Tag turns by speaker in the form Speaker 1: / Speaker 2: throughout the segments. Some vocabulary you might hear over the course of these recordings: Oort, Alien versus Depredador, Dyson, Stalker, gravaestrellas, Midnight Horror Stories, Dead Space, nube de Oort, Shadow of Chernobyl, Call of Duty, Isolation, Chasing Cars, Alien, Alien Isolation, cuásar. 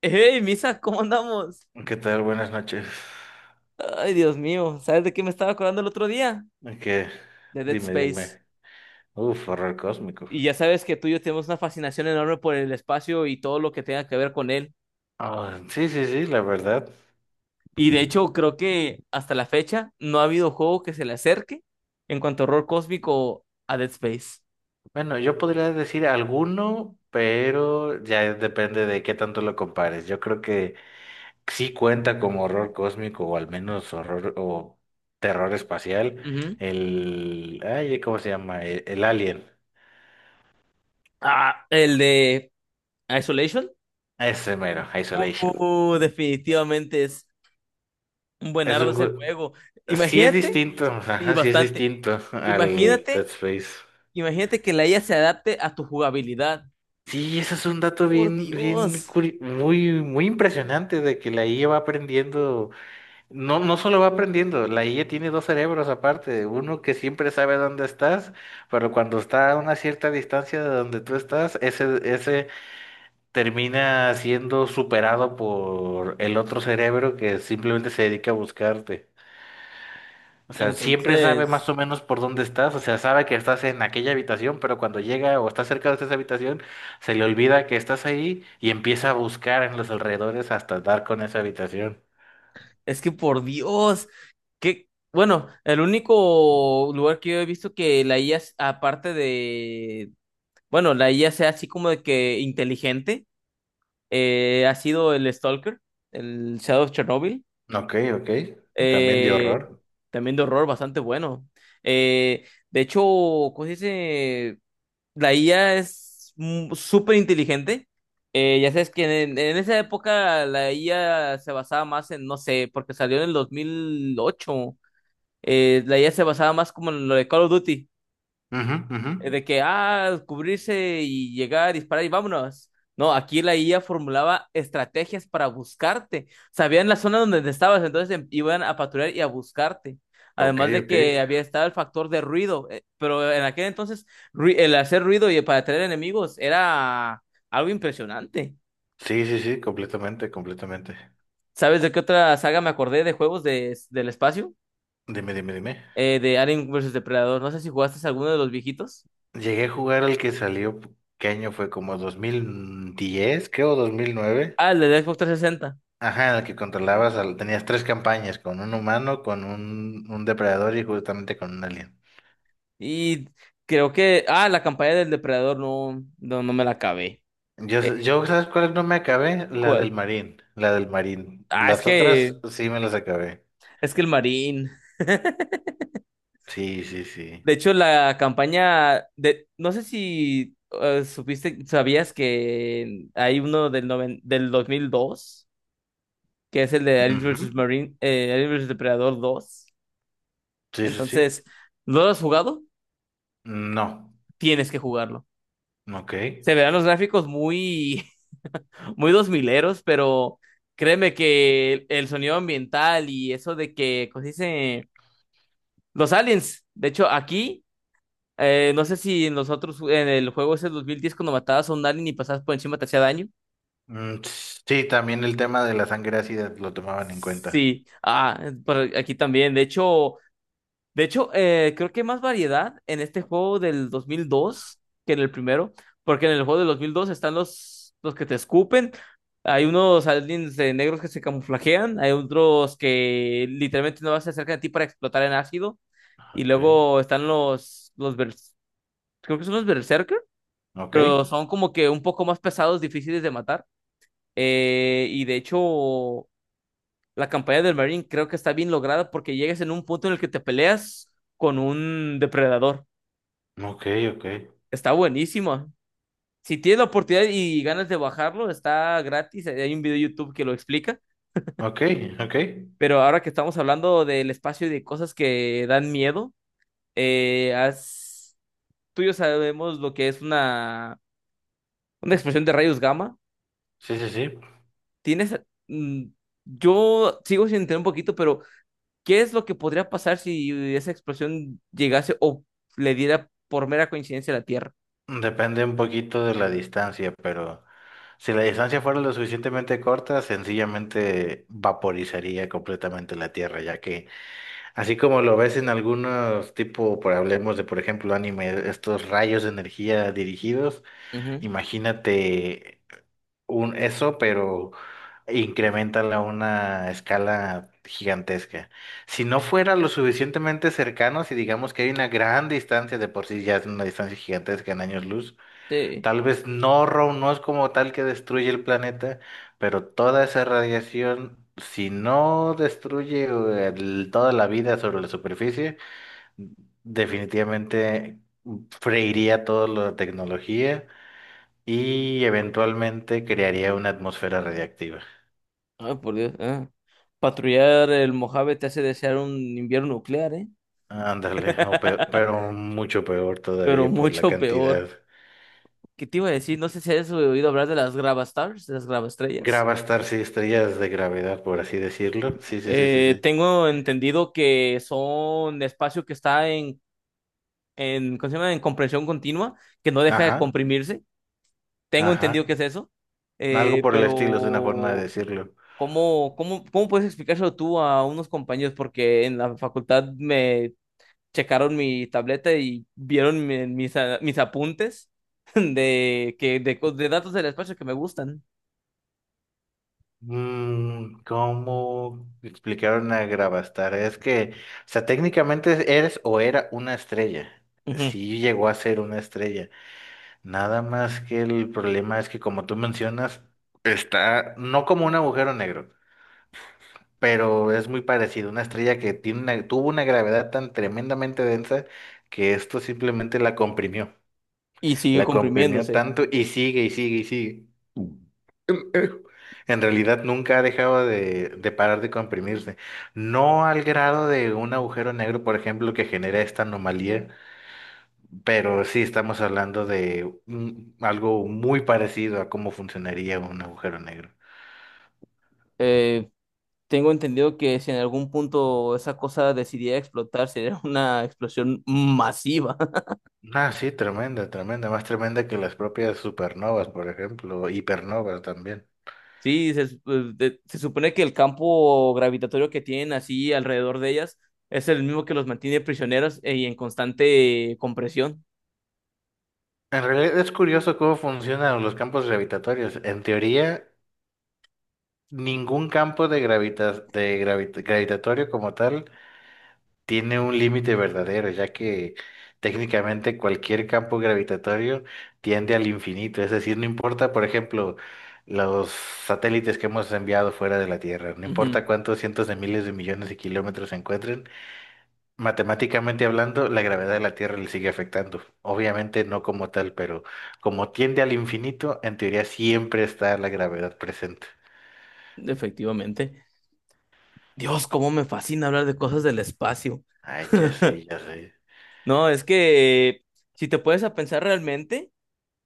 Speaker 1: Hey, Misa, ¿cómo andamos?
Speaker 2: ¿Qué tal? Buenas noches.
Speaker 1: Ay, Dios mío, ¿sabes de qué me estaba acordando el otro día?
Speaker 2: ¿Qué?
Speaker 1: De Dead
Speaker 2: Dime,
Speaker 1: Space.
Speaker 2: dime. Uf, horror cósmico.
Speaker 1: Y ya sabes que tú y yo tenemos una fascinación enorme por el espacio y todo lo que tenga que ver con él.
Speaker 2: Ah, sí, sí, sí, la verdad.
Speaker 1: Y de hecho, creo que hasta la fecha no ha habido juego que se le acerque en cuanto a horror cósmico a Dead Space.
Speaker 2: Bueno, yo podría decir alguno, pero ya depende de qué tanto lo compares. Yo creo que sí cuenta como horror cósmico o al menos horror o terror espacial.
Speaker 1: Ujú.
Speaker 2: El... Ay, ¿cómo se llama? El Alien.
Speaker 1: Ah, el de Isolation.
Speaker 2: Ese mero, Isolation.
Speaker 1: Definitivamente es un buen
Speaker 2: Es
Speaker 1: ardo
Speaker 2: un...
Speaker 1: ese
Speaker 2: ju-
Speaker 1: juego.
Speaker 2: Sí es
Speaker 1: Imagínate,
Speaker 2: distinto,
Speaker 1: y
Speaker 2: ajá, sí es
Speaker 1: bastante.
Speaker 2: distinto al Dead
Speaker 1: Imagínate
Speaker 2: Space.
Speaker 1: Imagínate que la IA se adapte a tu jugabilidad.
Speaker 2: Sí, eso es un dato
Speaker 1: Por
Speaker 2: bien,
Speaker 1: Dios.
Speaker 2: muy, muy impresionante de que la IA va aprendiendo, no, no solo va aprendiendo, la IA tiene dos cerebros aparte, uno que siempre sabe dónde estás, pero cuando está a una cierta distancia de donde tú estás, ese termina siendo superado por el otro cerebro que simplemente se dedica a buscarte. O sea, siempre sabe más
Speaker 1: Entonces,
Speaker 2: o menos por dónde estás, o sea, sabe que estás en aquella habitación, pero cuando llega o está cerca de esa habitación, se le olvida que estás ahí y empieza a buscar en los alrededores hasta dar con esa habitación.
Speaker 1: es que por Dios, que, bueno, el único lugar que yo he visto que la IA, aparte de, bueno, la IA sea así como de que inteligente, ha sido el Stalker, el Shadow of Chernobyl,
Speaker 2: Ok, ok. También de
Speaker 1: eh,
Speaker 2: horror.
Speaker 1: también de horror bastante bueno. Eh, de hecho, ¿cómo se dice? La IA es súper inteligente. Ya sabes que en esa época la IA se basaba más en, no sé, porque salió en el 2008. La IA se basaba más como en lo de Call of Duty
Speaker 2: Ujú, ujú.
Speaker 1: de que, cubrirse y llegar, disparar y vámonos. No, aquí la IA formulaba estrategias para buscarte. Sabían la zona donde te estabas, entonces iban a patrullar y a buscarte.
Speaker 2: Ok,
Speaker 1: Además de
Speaker 2: ok.
Speaker 1: que había estado el factor de ruido, pero en aquel entonces el hacer ruido y para atraer enemigos era algo impresionante.
Speaker 2: Sí, sí, sí, completamente, completamente.
Speaker 1: ¿Sabes de qué otra saga me acordé de juegos del espacio?
Speaker 2: Dime, dime, dime.
Speaker 1: De Alien versus Depredador. No sé si jugaste alguno de los viejitos.
Speaker 2: Llegué a jugar al que salió, ¿qué año fue? Como 2010, creo, ¿2009?
Speaker 1: Ah, el de Xbox 360.
Speaker 2: Ajá, en el que controlabas, tenías tres campañas, con un humano, con un depredador y justamente con un alien.
Speaker 1: Y creo que, la campaña del depredador no me la acabé.
Speaker 2: Yo,
Speaker 1: Eh,
Speaker 2: s- yo, ¿sabes cuál no me acabé? La del
Speaker 1: ¿Cuál?
Speaker 2: marín, la del marín.
Speaker 1: Ah,
Speaker 2: Las otras sí me las acabé.
Speaker 1: es que el marín.
Speaker 2: Sí, sí, sí.
Speaker 1: De hecho, la campaña de, no sé si supiste, sabías que hay uno del, del 2002 que es el de Alien versus
Speaker 2: Ujú.
Speaker 1: Marine, Alien vs. Depredador dos.
Speaker 2: Sí, sí, sí.
Speaker 1: Entonces, ¿no lo has jugado?
Speaker 2: No,
Speaker 1: Tienes que jugarlo.
Speaker 2: ok.
Speaker 1: Se verán los gráficos muy, muy dos mileros, pero créeme que el sonido ambiental y eso de que, ¿cómo se dice? Los aliens. De hecho, aquí, no sé si en los otros, en el juego ese del 2010 cuando matabas a un alien y pasabas por encima te hacía daño.
Speaker 2: Mm, sí, también el tema de la sangre ácida lo tomaban en cuenta.
Speaker 1: Sí, por aquí también. De hecho, de hecho, creo que hay más variedad en este juego del 2002 que en el primero, porque en el juego del 2002 están los que te escupen, hay unos aliens negros que se camuflajean, hay otros que literalmente no vas a acercar a ti para explotar en ácido, y
Speaker 2: Ok,
Speaker 1: luego están los creo que son los berserker,
Speaker 2: ok,
Speaker 1: pero son como que un poco más pesados, difíciles de matar, y de hecho la campaña del Marine creo que está bien lograda porque llegas en un punto en el que te peleas con un depredador.
Speaker 2: ok, ok,
Speaker 1: Está buenísimo. Si tienes la oportunidad y ganas de bajarlo, está gratis. Hay un video de YouTube que lo explica.
Speaker 2: ok, ok.
Speaker 1: Pero ahora que estamos hablando del espacio y de cosas que dan miedo, eh, has- tú y yo sabemos lo que es una explosión de rayos gamma.
Speaker 2: Sí, sí, sí.
Speaker 1: Tienes, mm, yo sigo sin entender un poquito, pero ¿qué es lo que podría pasar si esa explosión llegase o le diera por mera coincidencia a la Tierra?
Speaker 2: Depende un poquito de la distancia, pero si la distancia fuera lo suficientemente corta, sencillamente vaporizaría completamente la Tierra, ya que así como lo ves en algunos tipo, por hablemos de por ejemplo anime, estos rayos de energía dirigidos,
Speaker 1: Ujú.
Speaker 2: imagínate un eso, pero incrementala a una escala gigantesca. Si no fuera lo suficientemente cercano, si digamos que hay una gran distancia de por sí ya es una distancia gigantesca en años luz,
Speaker 1: Sí.
Speaker 2: tal vez no, Ro, no es como tal que destruye el planeta, pero toda esa radiación, si no destruye toda la vida sobre la superficie, definitivamente freiría toda la tecnología y eventualmente crearía una atmósfera radiactiva.
Speaker 1: Ay, por Dios. Ah. Patrullar el Mojave te hace desear un invierno nuclear, ¿eh?
Speaker 2: Ándale, pero mucho peor
Speaker 1: Pero
Speaker 2: todavía por la
Speaker 1: mucho peor.
Speaker 2: cantidad.
Speaker 1: ¿Qué te iba a decir? No sé si has oído hablar de las gravastars, de las gravaestrellas.
Speaker 2: Gravastars sí, estrellas de gravedad, por así decirlo. Sí, sí, sí, sí, sí.
Speaker 1: Tengo entendido que son espacio que está en ¿cómo se llama? En compresión continua, que no deja de
Speaker 2: Ajá,
Speaker 1: comprimirse. Tengo
Speaker 2: ajá.
Speaker 1: entendido que es eso,
Speaker 2: Algo por el estilo es una forma de
Speaker 1: pero
Speaker 2: decirlo.
Speaker 1: ¿cómo, cómo, cómo puedes explicárselo tú a unos compañeros? Porque en la facultad me checaron mi tableta y vieron mis, mis apuntes de datos del espacio que me gustan.
Speaker 2: Mm, ¿cómo explicaron a Gravastar? Es que, o sea, técnicamente eres o era una estrella.
Speaker 1: Ujú.
Speaker 2: Sí llegó a ser una estrella. Nada más que el problema es que, como tú mencionas, está no como un agujero negro, pero es muy parecido. Una estrella que tiene tuvo una gravedad tan tremendamente densa que esto simplemente la comprimió.
Speaker 1: Y sigue
Speaker 2: La comprimió
Speaker 1: comprimiéndose.
Speaker 2: tanto y sigue y sigue y sigue. En realidad nunca ha dejado de parar de comprimirse. No al grado de un agujero negro, por ejemplo, que genera esta anomalía, pero sí estamos hablando de algo muy parecido a cómo funcionaría un agujero negro.
Speaker 1: Eh, Tengo entendido que si en algún punto esa cosa decidiera explotar, sería una explosión masiva.
Speaker 2: Ah, sí, tremenda, tremenda, más tremenda que las propias supernovas, por ejemplo, hipernovas también.
Speaker 1: Sí, se supone que el campo gravitatorio que tienen así alrededor de ellas es el mismo que los mantiene prisioneros, y en constante compresión.
Speaker 2: En realidad es curioso cómo funcionan los campos gravitatorios. En teoría, ningún campo gravitatorio como tal tiene un límite verdadero, ya que técnicamente cualquier campo gravitatorio tiende al infinito. Es decir, no importa, por ejemplo, los satélites que hemos enviado fuera de la Tierra, no
Speaker 1: Ujú.
Speaker 2: importa cuántos cientos de miles de millones de kilómetros se encuentren, matemáticamente hablando, la gravedad de la Tierra le sigue afectando. Obviamente no como tal, pero como tiende al infinito, en teoría siempre está la gravedad presente.
Speaker 1: Efectivamente. Dios, cómo me fascina hablar de cosas del espacio.
Speaker 2: Ay, ya sé, ya sé.
Speaker 1: No, es que si te puedes a pensar realmente,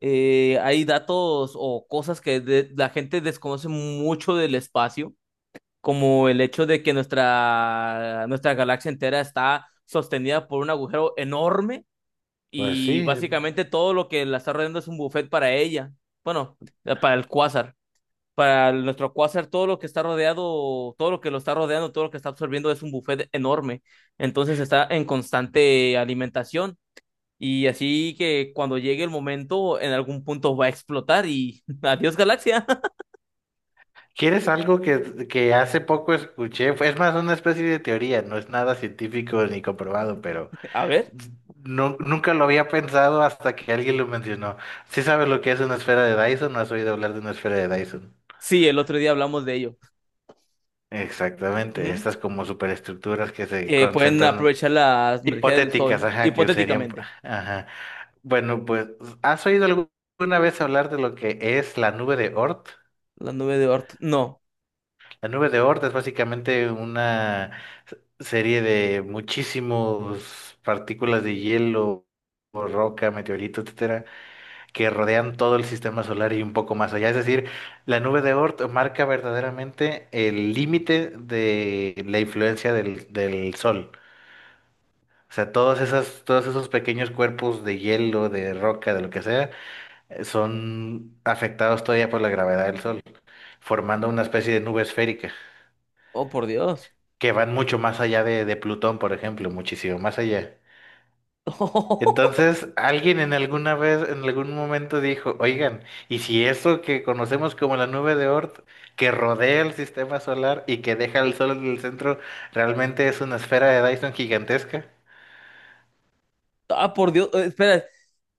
Speaker 1: hay datos o cosas la gente desconoce mucho del espacio, como el hecho de que nuestra galaxia entera está sostenida por un agujero enorme.
Speaker 2: Pues
Speaker 1: Y
Speaker 2: sí.
Speaker 1: básicamente todo lo que la está rodeando es un buffet para ella. Bueno, para el cuásar. Para nuestro cuásar, todo lo que está rodeado, todo lo que lo está rodeando, todo lo que está absorbiendo es un buffet enorme. Entonces está en constante alimentación. Y así que cuando llegue el momento, en algún punto va a explotar y adiós galaxia.
Speaker 2: ¿Quieres algo que hace poco escuché? Es más una especie de teoría, no es nada científico ni comprobado, pero
Speaker 1: A ver.
Speaker 2: nunca lo había pensado hasta que alguien lo mencionó. ¿Sí sabes lo que es una esfera de Dyson? ¿No has oído hablar de una esfera de Dyson?
Speaker 1: Sí, el otro día hablamos de ello.
Speaker 2: Exactamente, estas
Speaker 1: Ujú.
Speaker 2: como superestructuras que se
Speaker 1: Que pueden
Speaker 2: concentran
Speaker 1: aprovechar la energía del
Speaker 2: hipotéticas,
Speaker 1: sol,
Speaker 2: ajá, que serían,
Speaker 1: hipotéticamente.
Speaker 2: ajá. Bueno, pues, ¿has oído alguna vez hablar de lo que es la nube de Oort?
Speaker 1: La nube de Oort. No.
Speaker 2: La Nube de Oort es básicamente una serie de muchísimos partículas de hielo, o roca, meteorito, etcétera, que rodean todo el sistema solar y un poco más allá. Es decir, la Nube de Oort marca verdaderamente el límite de la influencia del Sol. O sea, todas esas, todos esos pequeños cuerpos de hielo, de roca, de lo que sea, son afectados todavía por la gravedad del Sol, formando una especie de nube esférica,
Speaker 1: Oh, por Dios.
Speaker 2: que van mucho más allá de Plutón, por ejemplo, muchísimo más allá. Entonces, alguien en alguna vez, en algún momento dijo, oigan, ¿y si eso que conocemos como la nube de Oort, que rodea el sistema solar y que deja el sol en el centro, realmente es una esfera de Dyson gigantesca?
Speaker 1: Ah, por Dios, espera,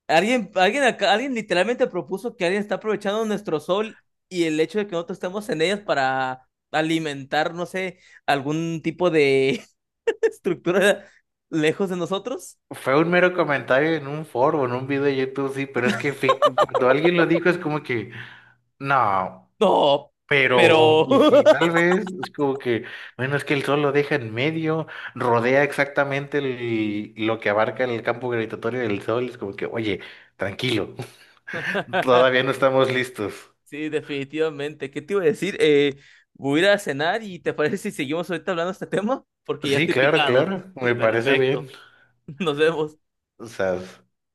Speaker 1: alguien literalmente propuso que alguien está aprovechando nuestro sol y el hecho de que nosotros estemos en ellas para alimentar, no sé, algún tipo de estructura lejos de nosotros.
Speaker 2: Fue un mero comentario en un foro, en un video de YouTube, sí, pero es que fi- cuando alguien lo dijo es como que, no.
Speaker 1: No,
Speaker 2: Pero,
Speaker 1: pero
Speaker 2: y si tal vez es como que, bueno, es que el sol lo deja en medio, rodea exactamente lo que abarca el campo gravitatorio del sol, es como que, oye, tranquilo, todavía no estamos listos.
Speaker 1: sí, definitivamente. ¿Qué te iba a decir? Voy a ir a cenar y ¿te parece si seguimos ahorita hablando de este tema? Porque ya
Speaker 2: Sí,
Speaker 1: estoy
Speaker 2: claro,
Speaker 1: picado.
Speaker 2: claro, me parece bien.
Speaker 1: Perfecto. Nos vemos.
Speaker 2: O sea,